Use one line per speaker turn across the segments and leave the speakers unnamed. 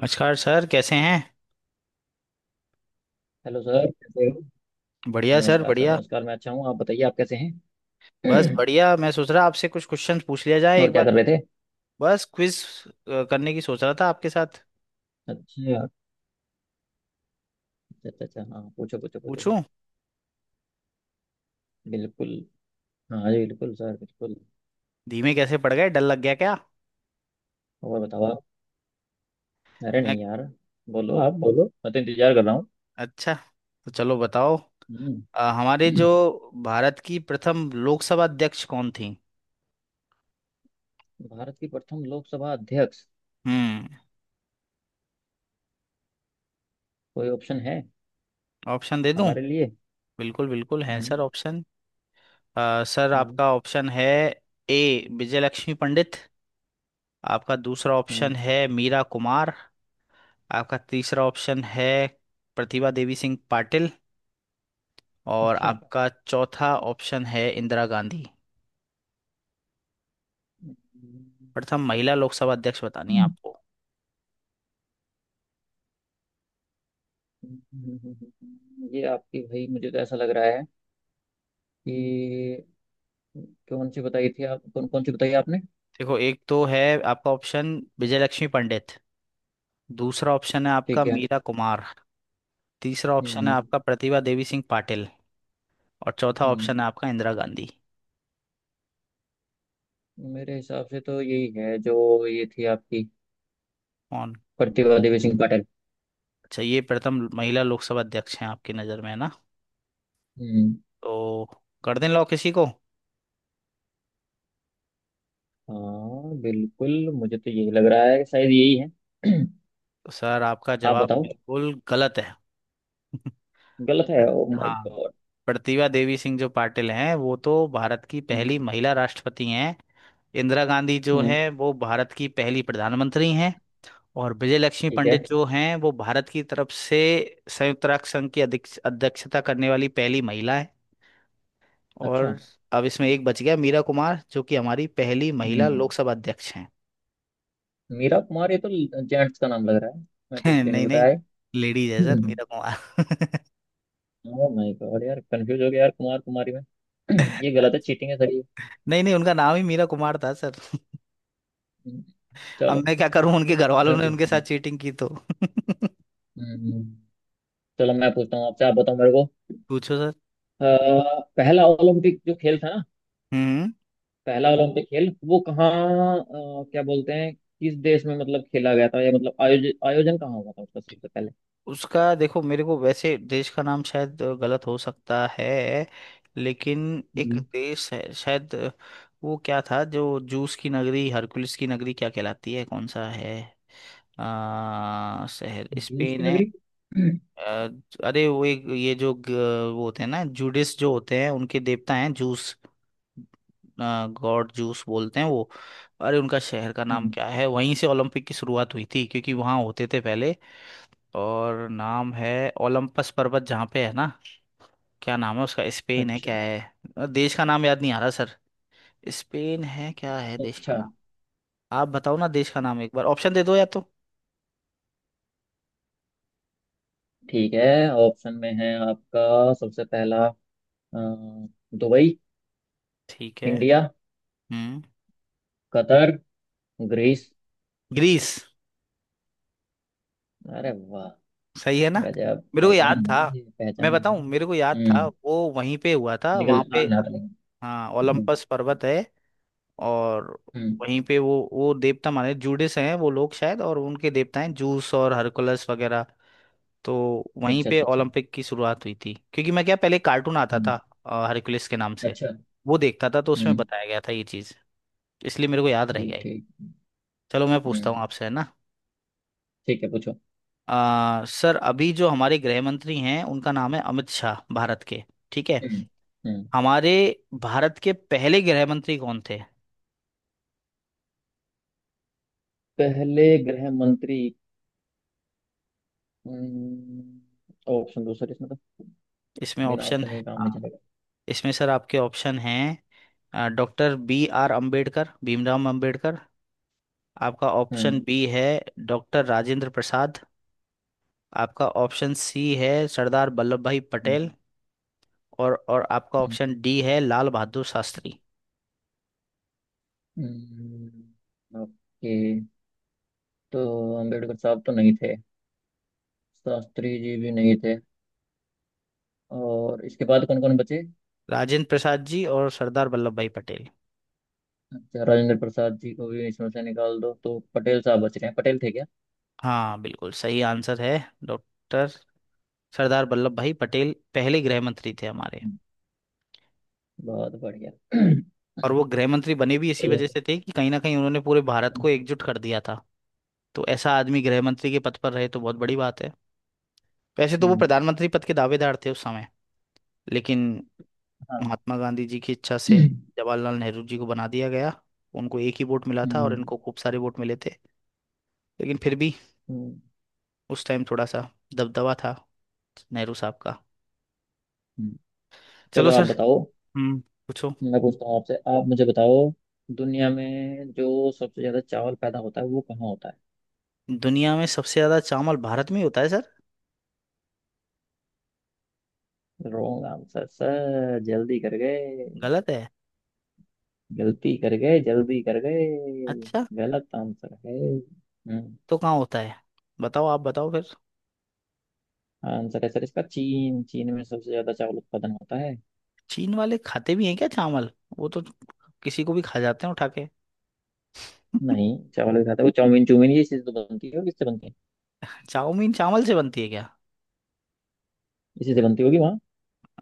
नमस्कार सर, कैसे हैं।
हेलो सर, कैसे हो?
बढ़िया सर,
नमस्कार सर,
बढ़िया।
नमस्कार। मैं अच्छा हूँ। आप बताइए, आप कैसे
बस
हैं?
बढ़िया, मैं सोच रहा आपसे कुछ क्वेश्चंस पूछ लिया जाए
और
एक
क्या
बार।
कर रहे थे?
बस क्विज करने की सोच रहा था आपके साथ।
अच्छा, अच्छा, अच्छा। अच्छा, हाँ, पूछो, पूछो, पूछो सर।
पूछूं?
बिल्कुल। हाँ जी, बिल्कुल सर, बिल्कुल।
धीमे कैसे पड़ गए, डर लग गया क्या।
और बताओ आप। अरे
मैं।
नहीं यार। बोलो आप, बोलो, मैं तो इंतजार कर रहा हूँ।
अच्छा, तो चलो बताओ।
हम्म।
हमारे जो भारत की प्रथम लोकसभा अध्यक्ष कौन थी।
भारत की प्रथम लोकसभा अध्यक्ष।
हम्म।
कोई ऑप्शन है
ऑप्शन दे दूं?
हमारे लिए?
बिल्कुल बिल्कुल हैं
हम्म।
Sir option. सर
हम्म।
आपका ऑप्शन है ए, विजयलक्ष्मी पंडित। आपका दूसरा
हम्म।
ऑप्शन है मीरा कुमार। आपका तीसरा ऑप्शन है प्रतिभा देवी सिंह पाटिल। और
अच्छा।
आपका चौथा ऑप्शन है इंदिरा गांधी।
हम्म।
प्रथम महिला लोकसभा अध्यक्ष बतानी है
हम्म।
आपको।
हम्म। हम्म। हम्म। ये आपकी, भाई मुझे तो ऐसा लग रहा है कि कौन सी बताई थी आप, कौन कौन सी बताई आपने?
देखो, एक तो है आपका ऑप्शन विजयलक्ष्मी पंडित। दूसरा ऑप्शन है आपका
ठीक है।
मीरा कुमार। तीसरा ऑप्शन है
हम्म।
आपका प्रतिभा देवी सिंह पाटिल। और चौथा
हम्म।
ऑप्शन है आपका इंदिरा गांधी।
मेरे हिसाब से तो यही है, जो ये थी आपकी,
कौन?
प्रतिभा देवी सिंह पाटिल।
अच्छा, ये प्रथम महिला लोकसभा अध्यक्ष हैं आपकी नज़र में, है ना।
हम्म।
तो कर दें लॉ किसी को।
हाँ बिल्कुल, मुझे तो यही लग रहा है कि शायद यही है।
तो सर आपका
आप
जवाब
बताओ।
बिल्कुल गलत है। प्र-
गलत है? ओ माय
हाँ,
गॉड।
प्रतिभा देवी सिंह जो पाटिल हैं वो तो भारत की
हम्म।
पहली महिला राष्ट्रपति हैं। इंदिरा गांधी जो
हम्म।
है वो भारत की पहली प्रधानमंत्री हैं। और विजय लक्ष्मी
ठीक है।
पंडित जो हैं वो भारत की तरफ से संयुक्त राष्ट्र संघ की अध्यक्षता करने वाली पहली महिला है।
अच्छा।
और अब इसमें एक बच गया, मीरा कुमार, जो कि हमारी पहली महिला
हम्म।
लोकसभा अध्यक्ष हैं।
मीरा कुमार, ये तो जेंट्स का नाम लग रहा है, मैं तो इसलिए नहीं
नहीं नहीं,
बताया।
लेडीज है सर
हम्म।
Meera Kumar.
Oh my God यार, कंफ्यूज हो गया यार, कुमार कुमारी में। ये गलत है,
अच्छा,
चीटिंग है सर ये।
नहीं नहीं, उनका नाम ही मीरा कुमार था।
हम्म।
अब
चलो
मैं क्या करूं, उनके घर वालों
मैं
ने उनके
पूछता
साथ
हूँ।
चीटिंग की तो।
हम्म। चलो मैं पूछता हूँ आपसे, आप बताओ मेरे को।
पूछो सर।
अ, पहला ओलंपिक जो खेल था ना,
हम्म।
पहला ओलंपिक खेल वो कहाँ, क्या बोलते हैं, किस देश में मतलब खेला गया था, या मतलब आयोजन आयोजन कहाँ हुआ था उसका सबसे पहले?
उसका देखो, मेरे को वैसे देश का नाम शायद गलत हो सकता है। लेकिन एक
हम्म।
देश है शायद। वो क्या था जो जूस की नगरी, हरकुलिस की नगरी क्या कहलाती है, कौन सा है। शहर,
जूस की
स्पेन है?
नगरी?
आ, अरे वो एक ये जो वो होते हैं ना जूडिस जो होते हैं, उनके देवता हैं जूस। गॉड जूस बोलते हैं वो। अरे उनका शहर का नाम
हम्म।
क्या है, वहीं से ओलंपिक की शुरुआत हुई थी, क्योंकि वहाँ होते थे पहले। और नाम है ओलंपस पर्वत जहाँ पे है ना। क्या नाम है उसका, स्पेन है क्या
अच्छा,
है देश का नाम, याद नहीं आ रहा सर। स्पेन है क्या है देश का
अच्छा।
नाम। आप बताओ ना देश का नाम, एक बार ऑप्शन दे दो या तो।
ठीक है, ऑप्शन में है आपका सबसे पहला, अ, दुबई,
ठीक है।
इंडिया,
हम्म।
Qatar, Greece.
ग्रीस।
अरे वाह!
सही है ना।
गजब
मेरे को याद
पहचान
था।
है ये,
मैं
पहचान
बताऊं,
है।
मेरे को याद था,
हम्म।
वो वहीं पे हुआ था, वहां
निकल आ
पे।
रहा था लेकिन।
हाँ,
हम्म।
ओलंपस पर्वत है। और
हम्म।
वहीं पे वो देवता माने जूडिस हैं वो लोग शायद, और उनके देवता हैं जूस और हरकुलस वगैरह। तो वहीं
अच्छा,
पे
अच्छा, अच्छा।
ओलंपिक की शुरुआत हुई थी, क्योंकि मैं क्या, पहले कार्टून आता था
हम्म।
हरकुलस के नाम से।
अच्छा।
वो देखता था तो उसमें
हम्म।
बताया गया था ये चीज़। इसलिए मेरे को याद रह
ठीक,
गया ये।
ठीक।
चलो, मैं पूछता हूँ
हम्म।
आपसे है ना।
ठीक है, पूछो।
सर अभी जो हमारे गृह मंत्री हैं उनका नाम है अमित शाह, भारत के। ठीक है।
हम्म। हम्म।
हमारे भारत के पहले गृह मंत्री कौन थे।
पहले गृह मंत्री। हम्म। ऑप्शन दो सर इसमें तो,
इसमें
बिना
ऑप्शन
ऑप्शन
है
के काम नहीं
हाँ।
चलेगा।
इसमें सर आपके ऑप्शन हैं। Doctor B R Ambedkar, Bhimrao Ambedkar, आपका ऑप्शन
हम्म।
बी है। डॉक्टर राजेंद्र प्रसाद, आपका ऑप्शन सी है। सरदार वल्लभ भाई
हम्म।
पटेल, और आपका
हम्म।
ऑप्शन डी है लाल बहादुर शास्त्री।
ओके। तो अंबेडकर साहब तो नहीं थे, शास्त्री जी भी नहीं थे, और इसके बाद कौन कौन बचे?
राजेंद्र प्रसाद जी और सरदार वल्लभ भाई पटेल।
अच्छा, राजेंद्र प्रसाद जी को भी इसमें से निकाल दो तो पटेल साहब बच रहे हैं, पटेल थे क्या?
हाँ बिल्कुल सही आंसर है। डॉक्टर सरदार वल्लभ भाई पटेल पहले गृह मंत्री थे हमारे।
हम्म। बहुत बढ़िया।
और वो गृह मंत्री बने भी इसी
चलो।
वजह से थे कि कहीं ना कहीं उन्होंने पूरे भारत
हम्म।
को एकजुट कर दिया था। तो ऐसा आदमी गृह मंत्री के पद पर रहे तो बहुत बड़ी बात है। वैसे तो वो
हम्म।
प्रधानमंत्री पद के दावेदार थे उस समय, लेकिन
हाँ।
महात्मा गांधी जी की इच्छा से
हम्म।
जवाहरलाल नेहरू जी को बना दिया गया। उनको एक ही वोट मिला था और
हम्म।
इनको खूब सारे वोट मिले थे। लेकिन फिर भी
हम्म।
उस टाइम थोड़ा सा दबदबा था नेहरू साहब का। चलो
चलो
सर।
आप बताओ।
बिल्कुल, हम्म। पूछो।
मैं पूछता हूँ आपसे, आप मुझे बताओ, दुनिया में जो सबसे ज्यादा चावल पैदा होता है वो कहाँ होता
दुनिया में सबसे ज्यादा चावल भारत में ही होता है सर।
है? रॉन्ग आंसर सर, जल्दी कर गए।
गलत है?
गलती कर गए, जल्दी कर गए।
अच्छा,
गलत आंसर है। हम्म।
तो कहाँ होता है, बताओ, आप बताओ फिर।
आंसर है सर इसका, चीन। चीन में सबसे ज्यादा चावल उत्पादन होता है।
चीन वाले खाते भी हैं क्या चावल, वो तो किसी को भी खा जाते हैं उठा के।
नहीं, चावल भी खाता है वो। चाउमीन, चूमीन ये चीज तो बनती है, और किससे बनती है?
चाउमीन चावल से बनती है क्या?
इसी से बनती होगी वहाँ।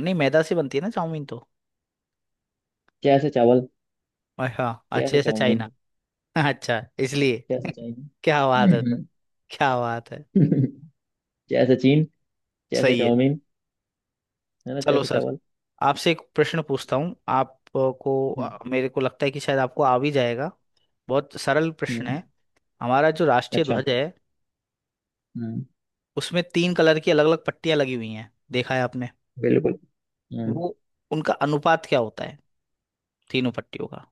नहीं मैदा से बनती है ना चाउमीन तो।
जैसे चावल,
और हाँ,
जैसे
अच्छे से
चाउमीन,
चाइना। अच्छा इसलिए।
जैसे
क्या बात है सर,
चाइनीज।
क्या बात है।
जैसे चीन, जैसे
सही है।
चाउमीन, है ना,
चलो
जैसे
सर,
चावल।
आपसे एक प्रश्न पूछता हूँ आपको।
हम्म।
मेरे को लगता है कि शायद आपको आ भी जाएगा, बहुत सरल प्रश्न
हम्म।
है। हमारा जो राष्ट्रीय
अच्छा।
ध्वज है,
हम्म।
उसमें तीन कलर की अलग अलग पट्टियां लगी हुई हैं, देखा है आपने।
बिल्कुल। हम्म।
वो, उनका अनुपात क्या होता है, तीनों पट्टियों का।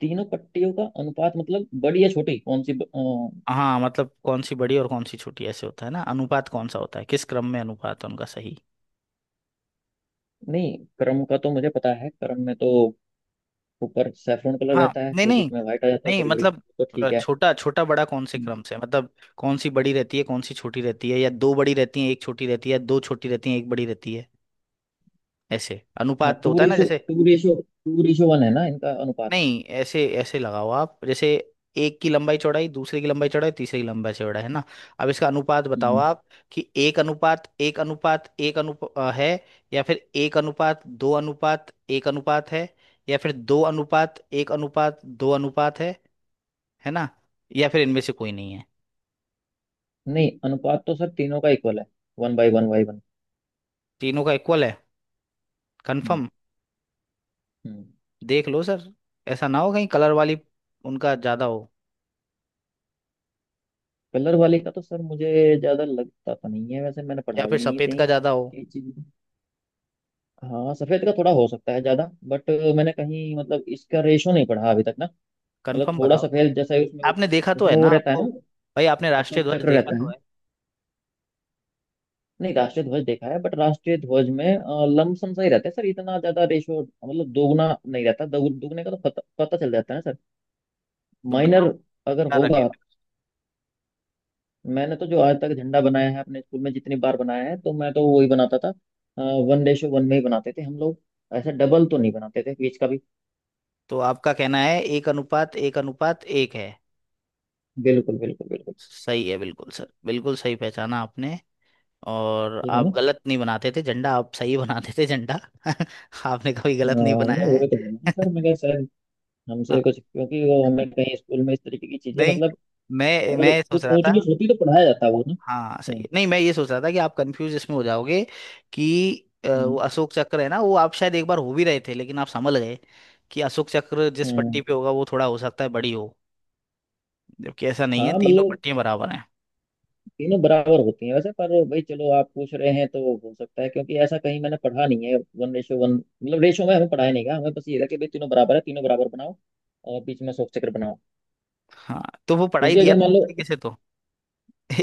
तीनों पट्टियों का अनुपात मतलब बड़ी या छोटी, कौन सी
हाँ मतलब कौन सी बड़ी और कौन सी छोटी, ऐसे होता है ना अनुपात, कौन सा होता है, किस क्रम में अनुपात है उनका सही।
नहीं, क्रम का तो मुझे पता है, क्रम में तो ऊपर सैफरन कलर
हाँ
रहता है,
नहीं
फिर
नहीं
बीच में व्हाइट आ जाता है,
नहीं
फिर ग्रीन।
मतलब
तो ठीक है।
छोटा छोटा बड़ा कौन से
हम्म।
क्रम से, मतलब कौन सी बड़ी रहती है कौन सी छोटी रहती है, या दो बड़ी रहती है एक छोटी रहती है, दो छोटी रहती है एक बड़ी रहती है, ऐसे
हाँ,
अनुपात तो होता है ना जैसे।
टू रेशो वन है ना इनका अनुपात।
नहीं ऐसे ऐसे लगाओ आप, जैसे एक की लंबाई चौड़ाई, दूसरे की लंबाई चौड़ाई, तीसरे की लंबाई चौड़ाई, है ना, अब इसका अनुपात बताओ
हम्म।
आप। कि एक अनुपात एक अनुपात एक अनुप अ, है, या फिर एक अनुपात दो अनुपात एक अनुपात है, या फिर दो अनुपात एक अनुपात दो अनुपात है ना, या फिर इनमें से कोई नहीं है।
नहीं, अनुपात तो सर तीनों का इक्वल है, one by one by one.
तीनों का इक्वल है?
हम्म।
कंफर्म?
हम्म।
देख लो सर, ऐसा ना हो कहीं कलर वाली उनका ज्यादा हो,
कलर वाले का तो सर मुझे ज्यादा लगता तो नहीं है, वैसे मैंने
या
पढ़ा भी
फिर
नहीं है
सफेद
कहीं
का
इस
ज्यादा हो।
ये चीज को। हाँ, सफेद का थोड़ा हो सकता है ज्यादा, बट मैंने कहीं मतलब इसका रेशो नहीं पढ़ा अभी तक ना। मतलब
कंफर्म
थोड़ा
बताओ तो।
सफेद जैसा उसमें
आपने देखा तो है
उसमें
ना
वो रहता है
आपको,
ना,
भाई आपने राष्ट्रीय
अशोक
ध्वज
चक्र
देखा
रहता
तो
है।
है।
नहीं, राष्ट्रीय ध्वज देखा है, बट राष्ट्रीय ध्वज में लमसम सा ही रहता है सर, इतना ज्यादा रेशो मतलब दोगुना नहीं रहता, दुगने का तो पता पता चल जाता है ना सर।
तो
माइनर
बताओ,
अगर
क्या रखें
होगा।
फिर?
मैंने तो जो आज तक झंडा बनाया है अपने स्कूल में, जितनी बार बनाया है तो मैं तो वही बनाता था। वन रेशो वन में ही बनाते थे हम लोग, ऐसा डबल तो नहीं बनाते थे बीच का भी।
तो आपका कहना है एक अनुपात एक अनुपात एक है।
बिल्कुल, बिल्कुल, बिल्कुल।
सही है, बिल्कुल सर, बिल्कुल सही पहचाना आपने। और
ठीक है ना।
आप गलत नहीं बनाते थे झंडा, आप सही बनाते थे झंडा। आपने कभी
हाँ,
गलत नहीं
मैं
बनाया
वही तो बोल रहा हूँ
है।
सर, मैं कहा शायद
हाँ,
हमसे कुछ, क्योंकि वो हमें कहीं स्कूल में इस तरीके की चीजें
नहीं
मतलब,
मैं
अगर
मैं सोच
कुछ
रहा
ऊंच
था।
नीच होती तो पढ़ाया जाता वो ना।
हाँ सही
हम्म।
है, नहीं मैं ये सोच रहा था कि आप कंफ्यूज इसमें हो जाओगे, कि वो
हम्म।
अशोक चक्र है ना, वो आप शायद एक बार हो भी रहे थे, लेकिन आप समझ गए कि अशोक चक्र जिस पट्टी
हम्म।
पे होगा वो थोड़ा हो सकता है बड़ी हो, जबकि ऐसा नहीं है,
हाँ
तीनों
मतलब,
पट्टियां बराबर हैं।
तीनों बराबर होती हैं वैसे, पर भाई चलो आप पूछ रहे हैं तो हो सकता है, क्योंकि ऐसा कहीं मैंने पढ़ा नहीं है, वन रेशो वन मतलब रेशो में हमें पढ़ाया नहीं गया, हमें बस ये था कि भाई तीनों बराबर है, तीनों बराबर बनाओ और बीच में अशोक चक्र बनाओ।
हाँ तो वो पढ़ाई
क्योंकि
दिया
अगर
था
मान
एक
लो,
तरीके से तो।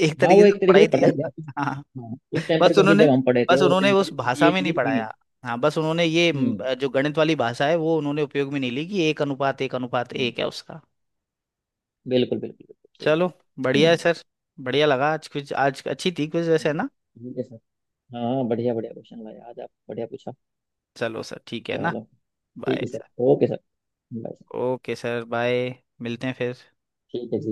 एक
हाँ,
तरीके
वो
से
एक तरीके से
पढ़ाई दिया।
पढ़ाया गया
हाँ,
हाँ उस टाइम पर,
बस
क्योंकि
उन्होंने
जब हम पढ़े थे
बस
उस
उन्होंने
टाइम
उस
पर
भाषा
ये
में नहीं
चीजें थी नहीं।
पढ़ाया। हाँ बस उन्होंने ये
हम्म।
जो गणित वाली भाषा है वो उन्होंने उपयोग में नहीं ली, कि एक अनुपात एक अनुपात
हम्म,
एक है उसका।
बिल्कुल, बिल्कुल, बिल्कुल सही बात
चलो,
है।
बढ़िया है
हम्म।
सर। बढ़िया लगा आज, कुछ आज अच्छी थी कुछ वैसे, है ना।
ठीक है सर। हाँ, बढ़िया, बढ़िया क्वेश्चन लाया आज, आप बढ़िया पूछा।
चलो सर, ठीक है ना।
चलो, ठीक
बाय
है sir.
Sir.
Okay sir, bye sir.
Okay sir, bye. मिलते हैं फिर।
ठीक है जी।